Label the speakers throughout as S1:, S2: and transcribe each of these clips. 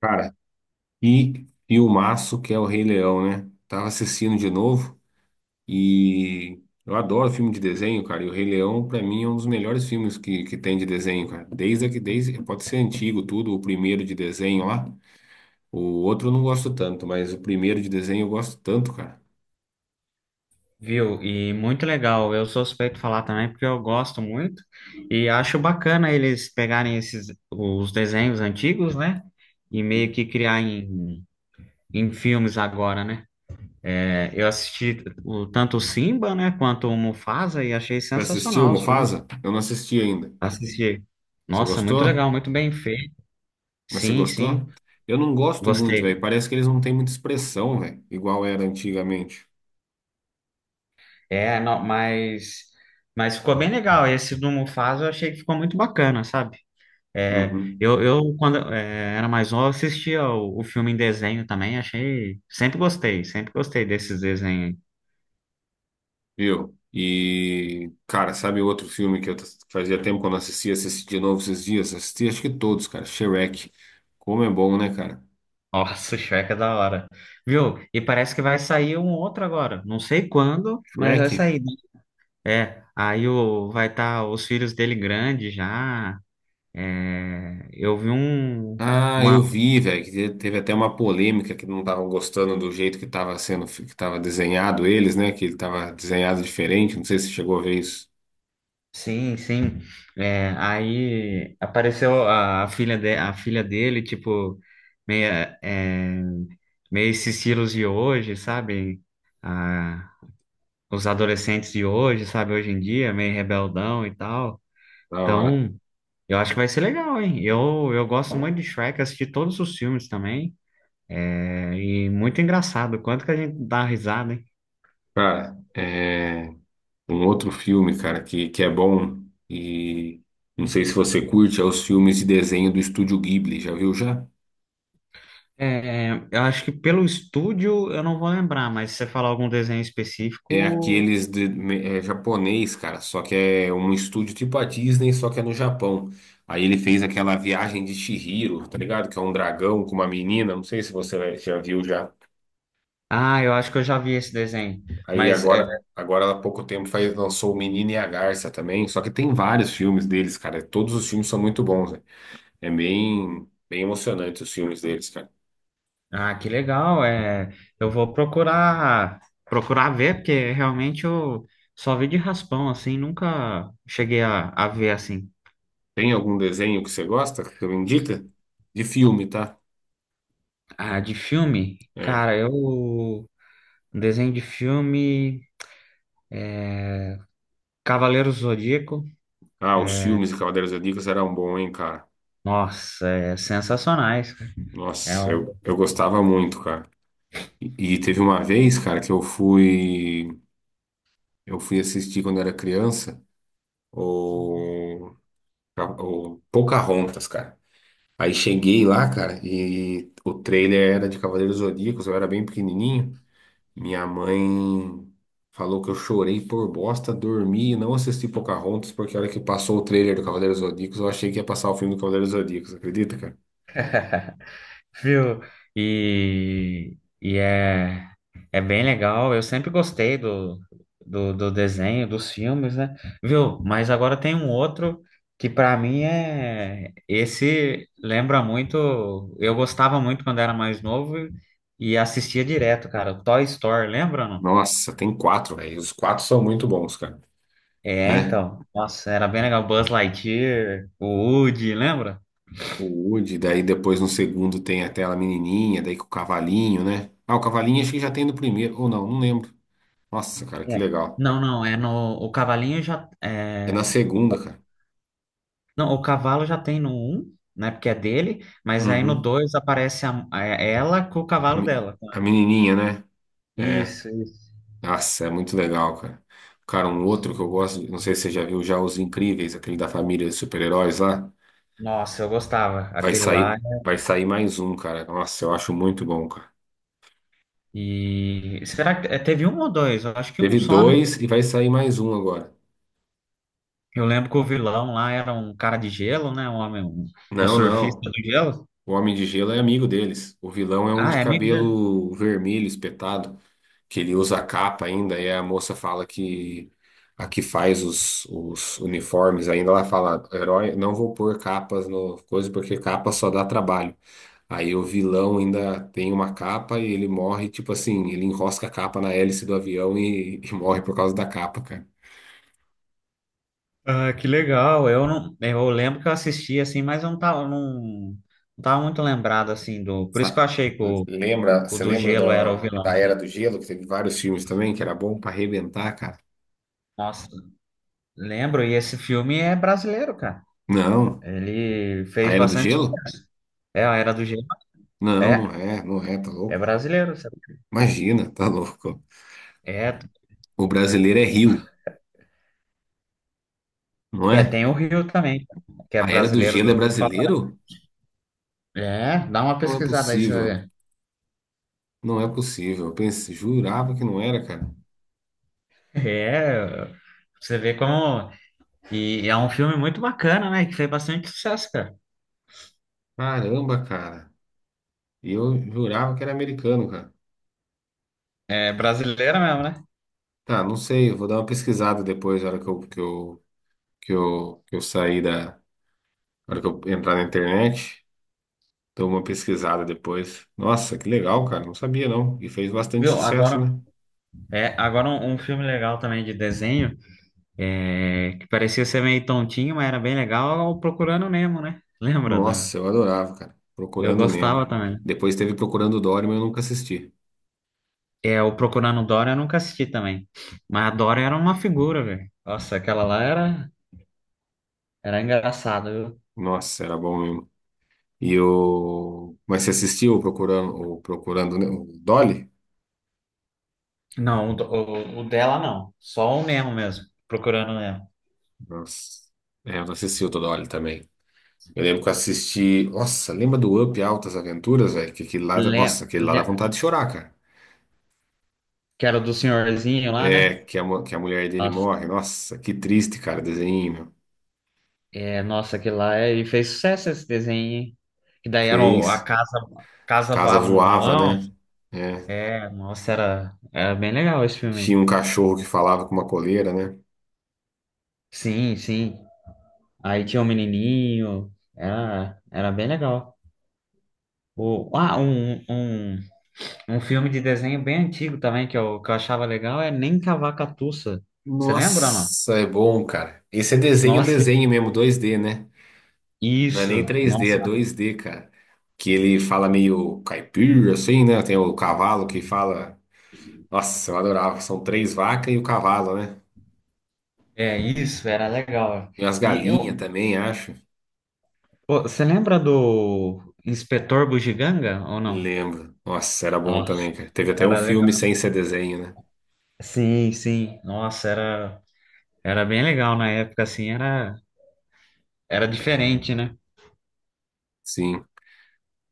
S1: Cara, e filmaço que é o Rei Leão, né? Tava assistindo de novo e eu adoro filme de desenho, cara. E o Rei Leão, pra mim, é um dos melhores filmes que tem de desenho, cara. Desde que desde pode ser antigo tudo, o primeiro de desenho lá. O outro eu não gosto tanto, mas o primeiro de desenho eu gosto tanto, cara.
S2: Viu? E muito legal. Eu sou suspeito de falar também porque eu gosto muito e acho bacana eles pegarem esses os desenhos antigos, né? E meio que criar em, em filmes agora, né? É, eu assisti o, tanto o Simba, né, quanto o Mufasa e achei
S1: Você assistiu o
S2: sensacional os filmes.
S1: Mufasa? Eu não assisti ainda.
S2: Assisti.
S1: Você
S2: Nossa, muito
S1: gostou?
S2: legal, muito bem feito.
S1: Mas você
S2: Sim,
S1: gostou?
S2: sim,
S1: Eu não gosto muito,
S2: gostei.
S1: velho. Parece que eles não têm muita expressão, velho, igual era antigamente.
S2: É, não, mas ficou bem legal. Esse do Mufasa eu achei que ficou muito bacana, sabe? É,
S1: Uhum.
S2: eu, quando é, era mais novo, assistia o filme em desenho também, achei. Sempre gostei desses desenhos aí.
S1: Viu? E, cara, sabe outro filme que fazia tempo que eu não assistia, assisti de novo esses dias? Assisti acho que todos, cara. Shrek. Como é bom, né, cara?
S2: Nossa, o Shrek é da hora. Viu? E parece que vai sair um outro agora. Não sei quando, mas
S1: Shrek?
S2: vai sair, né? É, aí o, vai estar os filhos dele grandes já. É, eu vi um,
S1: Ah,
S2: uma.
S1: eu vi, velho, que teve até uma polêmica que não estavam gostando do jeito que estava sendo, que estava desenhado eles, né? Que ele tava desenhado diferente. Não sei se chegou a ver isso.
S2: Sim, sim. É, aí apareceu a filha de, a filha dele, tipo, meia, é, meio esses estilos de hoje, sabe? Ah, os adolescentes de hoje, sabe? Hoje em dia, meio rebeldão e tal.
S1: Da hora.
S2: Então, eu acho que vai ser legal, hein? Eu gosto muito de Shrek, assisti todos os filmes também. É, e muito engraçado, quanto que a gente dá risada, hein?
S1: Cara, é um outro filme, cara, que é bom e não sei se você curte, é os filmes de desenho do Estúdio Ghibli. Já viu já?
S2: É, eu acho que pelo estúdio eu não vou lembrar, mas se você falar algum desenho
S1: É
S2: específico.
S1: aqueles de, é japonês, cara, só que é um estúdio tipo a Disney, só que é no Japão. Aí ele fez aquela viagem de Chihiro, tá ligado? Que é um dragão com uma menina, não sei se você já viu já.
S2: Ah, eu acho que eu já vi esse desenho.
S1: Aí
S2: Mas é,
S1: agora há pouco tempo faz, lançou O Menino e a Garça também, só que tem vários filmes deles, cara. Todos os filmes são muito bons, né? É bem, bem emocionante os filmes deles, cara.
S2: ah, que legal. É, eu vou procurar ver, porque realmente eu só vi de raspão, assim, nunca cheguei a ver assim.
S1: Tem algum desenho que você gosta, que você me indica? De filme, tá?
S2: Ah, de filme,
S1: É.
S2: cara, eu, desenho de filme, Cavaleiro do Zodíaco.
S1: Ah, os filmes de Cavaleiros do Zodíaco eram bons, hein, cara?
S2: Nossa, é sensacionais. É
S1: Nossa,
S2: um
S1: eu gostava muito, cara. E teve uma vez, cara, que eu fui assistir quando era criança o, o Pocahontas, cara. Aí cheguei lá, cara, e o trailer era de Cavaleiros Zodíacos, eu era bem pequenininho. Minha mãe falou que eu chorei por bosta, dormi e não assisti Pocahontas, porque a hora que passou o trailer do Cavaleiros Zodíacos, eu achei que ia passar o filme do Cavaleiros Zodíacos, acredita, cara?
S2: viu? E é, é bem legal. Eu sempre gostei do, do, do desenho, dos filmes, né? Viu? Mas agora tem um outro que pra mim é. Esse lembra muito. Eu gostava muito quando era mais novo e assistia direto, cara. O Toy Story, lembra, não?
S1: Nossa, tem quatro, velho. Os quatro são muito bons, cara,
S2: É,
S1: né?
S2: então. Nossa, era bem legal. Buzz Lightyear, o Woody, lembra?
S1: O Woody, daí depois no segundo tem até a menininha, daí com o cavalinho, né? Ah, o cavalinho acho que já tem no primeiro, ou não, não lembro. Nossa, cara, que
S2: É.
S1: legal.
S2: Não, não, é no. O cavalinho já.
S1: É
S2: É,
S1: na segunda, cara.
S2: não, o cavalo já tem no 1, né? Porque é dele, mas aí no
S1: Uhum.
S2: 2 aparece a- é ela com o
S1: A,
S2: cavalo dela.
S1: a menininha, né? É.
S2: Isso, isso.
S1: Nossa, é muito legal, cara. Cara, um outro que eu gosto, não sei se você já viu já Os Incríveis, aquele da família de super-heróis lá.
S2: Nossa, eu gostava.
S1: Vai
S2: Aquele lá.
S1: sair, vai sair mais um, cara. Nossa, eu acho muito bom, cara.
S2: E será que é, teve um ou dois? Eu acho que um
S1: Teve
S2: só, né?
S1: dois e vai sair mais um agora.
S2: Eu lembro que o vilão lá era um cara de gelo, né? Um homem, um
S1: Não,
S2: surfista
S1: não.
S2: do gelo.
S1: O Homem de Gelo é amigo deles. O vilão é um
S2: Ah,
S1: de
S2: é amigo dele.
S1: cabelo vermelho espetado, que ele usa a capa ainda, e a moça fala que a que faz os uniformes ainda, ela fala, herói, não vou pôr capas no coisa, porque capa só dá trabalho. Aí o vilão ainda tem uma capa e ele morre, tipo assim, ele enrosca a capa na hélice do avião e morre por causa da capa, cara.
S2: Ah, que legal. Eu não, eu lembro que eu assisti assim, mas eu não tava, não, não tava muito lembrado assim do. Por isso
S1: Sa-
S2: que eu achei que
S1: Lembra,
S2: o
S1: você
S2: do
S1: lembra
S2: gelo era o
S1: da
S2: vilão.
S1: da Era do Gelo, que teve vários filmes também, que era bom pra arrebentar, cara?
S2: Nossa. Lembro, e esse filme é brasileiro, cara.
S1: Não.
S2: Ele
S1: A
S2: fez
S1: Era do
S2: bastante
S1: Gelo?
S2: sucesso. É a Era do Gelo.
S1: Não, não
S2: É,
S1: é, não é, tá
S2: é
S1: louco?
S2: brasileiro, sabe?
S1: Imagina, tá louco.
S2: É,
S1: O brasileiro é Rio, não
S2: é,
S1: é?
S2: tem o Rio também, que é
S1: A Era do
S2: brasileiro
S1: Gelo é
S2: do, do Papai.
S1: brasileiro?
S2: É, dá uma
S1: Não é
S2: pesquisada aí, você vai
S1: possível,
S2: ver.
S1: não é possível. Eu pensei, jurava que não era, cara.
S2: É, você vê como. E é um filme muito bacana, né? Que fez bastante sucesso, cara.
S1: Caramba, cara. E eu jurava que era americano, cara.
S2: É brasileira mesmo, né?
S1: Tá, não sei, eu vou dar uma pesquisada depois, na hora que eu sair da. Na hora que eu entrar na internet, dou uma pesquisada depois. Nossa, que legal, cara. Não sabia, não. E fez bastante
S2: Viu?
S1: sucesso,
S2: Agora,
S1: né?
S2: é, agora um, um filme legal também de desenho, é, que parecia ser meio tontinho, mas era bem legal, é o Procurando Nemo, né? Lembra da.
S1: Nossa, eu adorava, cara.
S2: Eu
S1: Procurando
S2: gostava
S1: Nemo.
S2: também.
S1: Depois teve Procurando Dory, mas eu nunca assisti.
S2: É, o Procurando Dora eu nunca assisti também. Mas a Dora era uma figura, velho. Nossa, aquela lá era, era engraçada, viu?
S1: Nossa, era bom mesmo. E o... Mas você assistiu o Procurando Nemo? O Dolly?
S2: Não, o, do- o dela não. Só o Nemo mesmo. Procurando o Nemo.
S1: Nossa. É, eu não assisti o do Dolly também. Eu lembro que eu assisti... Nossa, lembra do Up Altas Aventuras, velho? Que aquele lá...
S2: Le,
S1: Nossa, aquele lá dá
S2: le-
S1: vontade de chorar, cara.
S2: que era do senhorzinho lá, né?
S1: É, que a, que a mulher dele
S2: Nossa,
S1: morre. Nossa, que triste, cara, o desenho, meu.
S2: é, nossa, aquele lá é, e fez sucesso esse desenho, hein? Que daí era o- a
S1: Fez.
S2: casa, casa
S1: Casa
S2: voava no
S1: voava,
S2: balão.
S1: né? É.
S2: É, nossa, era, era bem legal esse filme
S1: Tinha um
S2: aí.
S1: cachorro que falava com uma coleira, né?
S2: Sim, sim. Aí tinha o menininho. Era, era bem legal. O, ah, um filme de desenho bem antigo também que eu achava legal é Nem Cavaca Tussa. Você lembra ou não?
S1: Nossa, é bom, cara. Esse é desenho,
S2: Nossa,
S1: desenho mesmo, 2D, né? Não é nem
S2: isso.
S1: 3D, é
S2: Nossa,
S1: 2D, cara. Que ele fala meio caipira, assim, né? Tem o cavalo que fala. Nossa, eu adorava. São três vacas e o cavalo, né?
S2: é isso, era legal.
S1: E as
S2: E eu,
S1: galinhas também, acho.
S2: pô, você lembra do Inspetor Bugiganga ou não?
S1: Lembro. Nossa, era bom
S2: Nossa,
S1: também, cara. Teve até um
S2: era
S1: filme
S2: legal.
S1: sem ser desenho, né?
S2: Sim, sim. Nossa, era, era bem legal na época, assim, era, era diferente, né?
S1: Sim.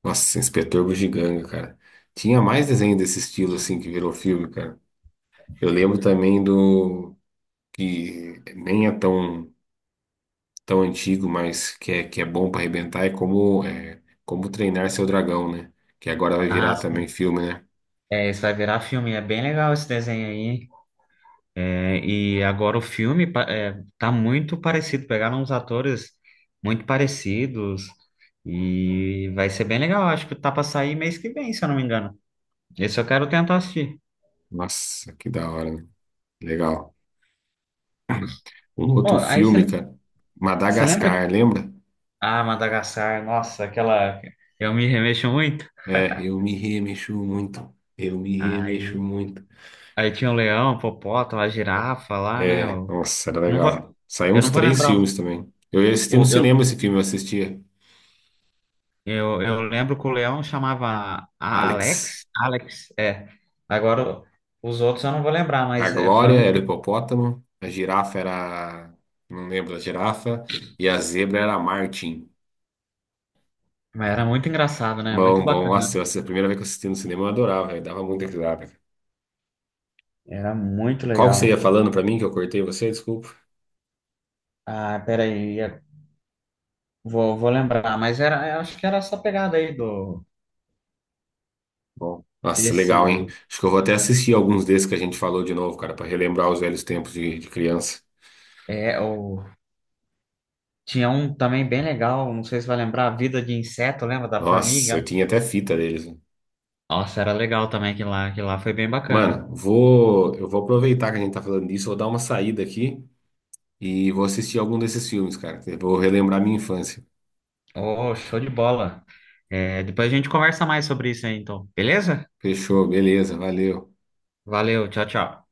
S1: Nossa, Inspetor Bugiganga, cara. Tinha mais desenho desse estilo, assim, que virou filme, cara. Eu lembro também do. Que nem é tão. Tão antigo, mas que é bom para arrebentar, é, como treinar seu dragão, né? Que agora vai
S2: Ah,
S1: virar também
S2: sim.
S1: filme, né?
S2: É, isso vai virar filme. É bem legal esse desenho aí, hein? É, e agora o filme pa- é, tá muito parecido, pegaram uns atores muito parecidos e vai ser bem legal. Acho que tá pra sair mês que vem, se eu não me engano. Esse eu quero tentar assistir.
S1: Nossa, que da hora, né? Legal. Um
S2: Pô,
S1: outro
S2: aí você
S1: filme, cara,
S2: lembra?
S1: Madagascar, lembra?
S2: Ah, Madagascar, nossa, aquela. Eu me remexo muito.
S1: É, eu me remexo muito, eu me remexo
S2: Aí,
S1: muito.
S2: aí tinha o leão, o hipopótamo, a girafa lá, né?
S1: É, nossa, era
S2: Não
S1: legal.
S2: vou,
S1: Saiu
S2: eu
S1: uns
S2: não vou
S1: três
S2: lembrar.
S1: filmes também. Eu ia assistir
S2: O,
S1: no
S2: eu,
S1: cinema esse filme, eu assistia.
S2: Eu, eu lembro que o Leão chamava a-
S1: Alex.
S2: Alex. Alex, é. Agora os outros eu não vou lembrar,
S1: A
S2: mas é, foi
S1: Glória
S2: um.
S1: era o hipopótamo, a girafa era. Não lembro da girafa, e a zebra era a Martin.
S2: Mas era muito engraçado, né? Muito
S1: Bom, bom.
S2: bacana.
S1: Nossa, essa é a primeira vez que eu assisti no cinema, eu adorava, velho. Dava muita risada.
S2: Era muito
S1: Qual que você ia
S2: legal.
S1: falando pra mim que eu cortei você? Desculpa.
S2: Ah, peraí, é, vou, vou lembrar, mas era, eu acho que era essa pegada aí do
S1: Bom, nossa,
S2: desse.
S1: legal, hein? Acho que eu vou até assistir alguns desses que a gente falou de novo, cara, pra relembrar os velhos tempos de criança.
S2: É, o, tinha um também bem legal, não sei se vai lembrar, a Vida de Inseto, lembra da
S1: Nossa,
S2: formiga?
S1: eu tinha até fita deles, né?
S2: Nossa, era legal também que lá foi bem bacana.
S1: Mano, eu vou aproveitar que a gente tá falando disso, vou dar uma saída aqui e vou assistir algum desses filmes, cara. Que vou relembrar minha infância.
S2: Oh, show de bola. É, depois a gente conversa mais sobre isso aí, então, beleza?
S1: Fechou, beleza, valeu.
S2: Valeu, tchau, tchau.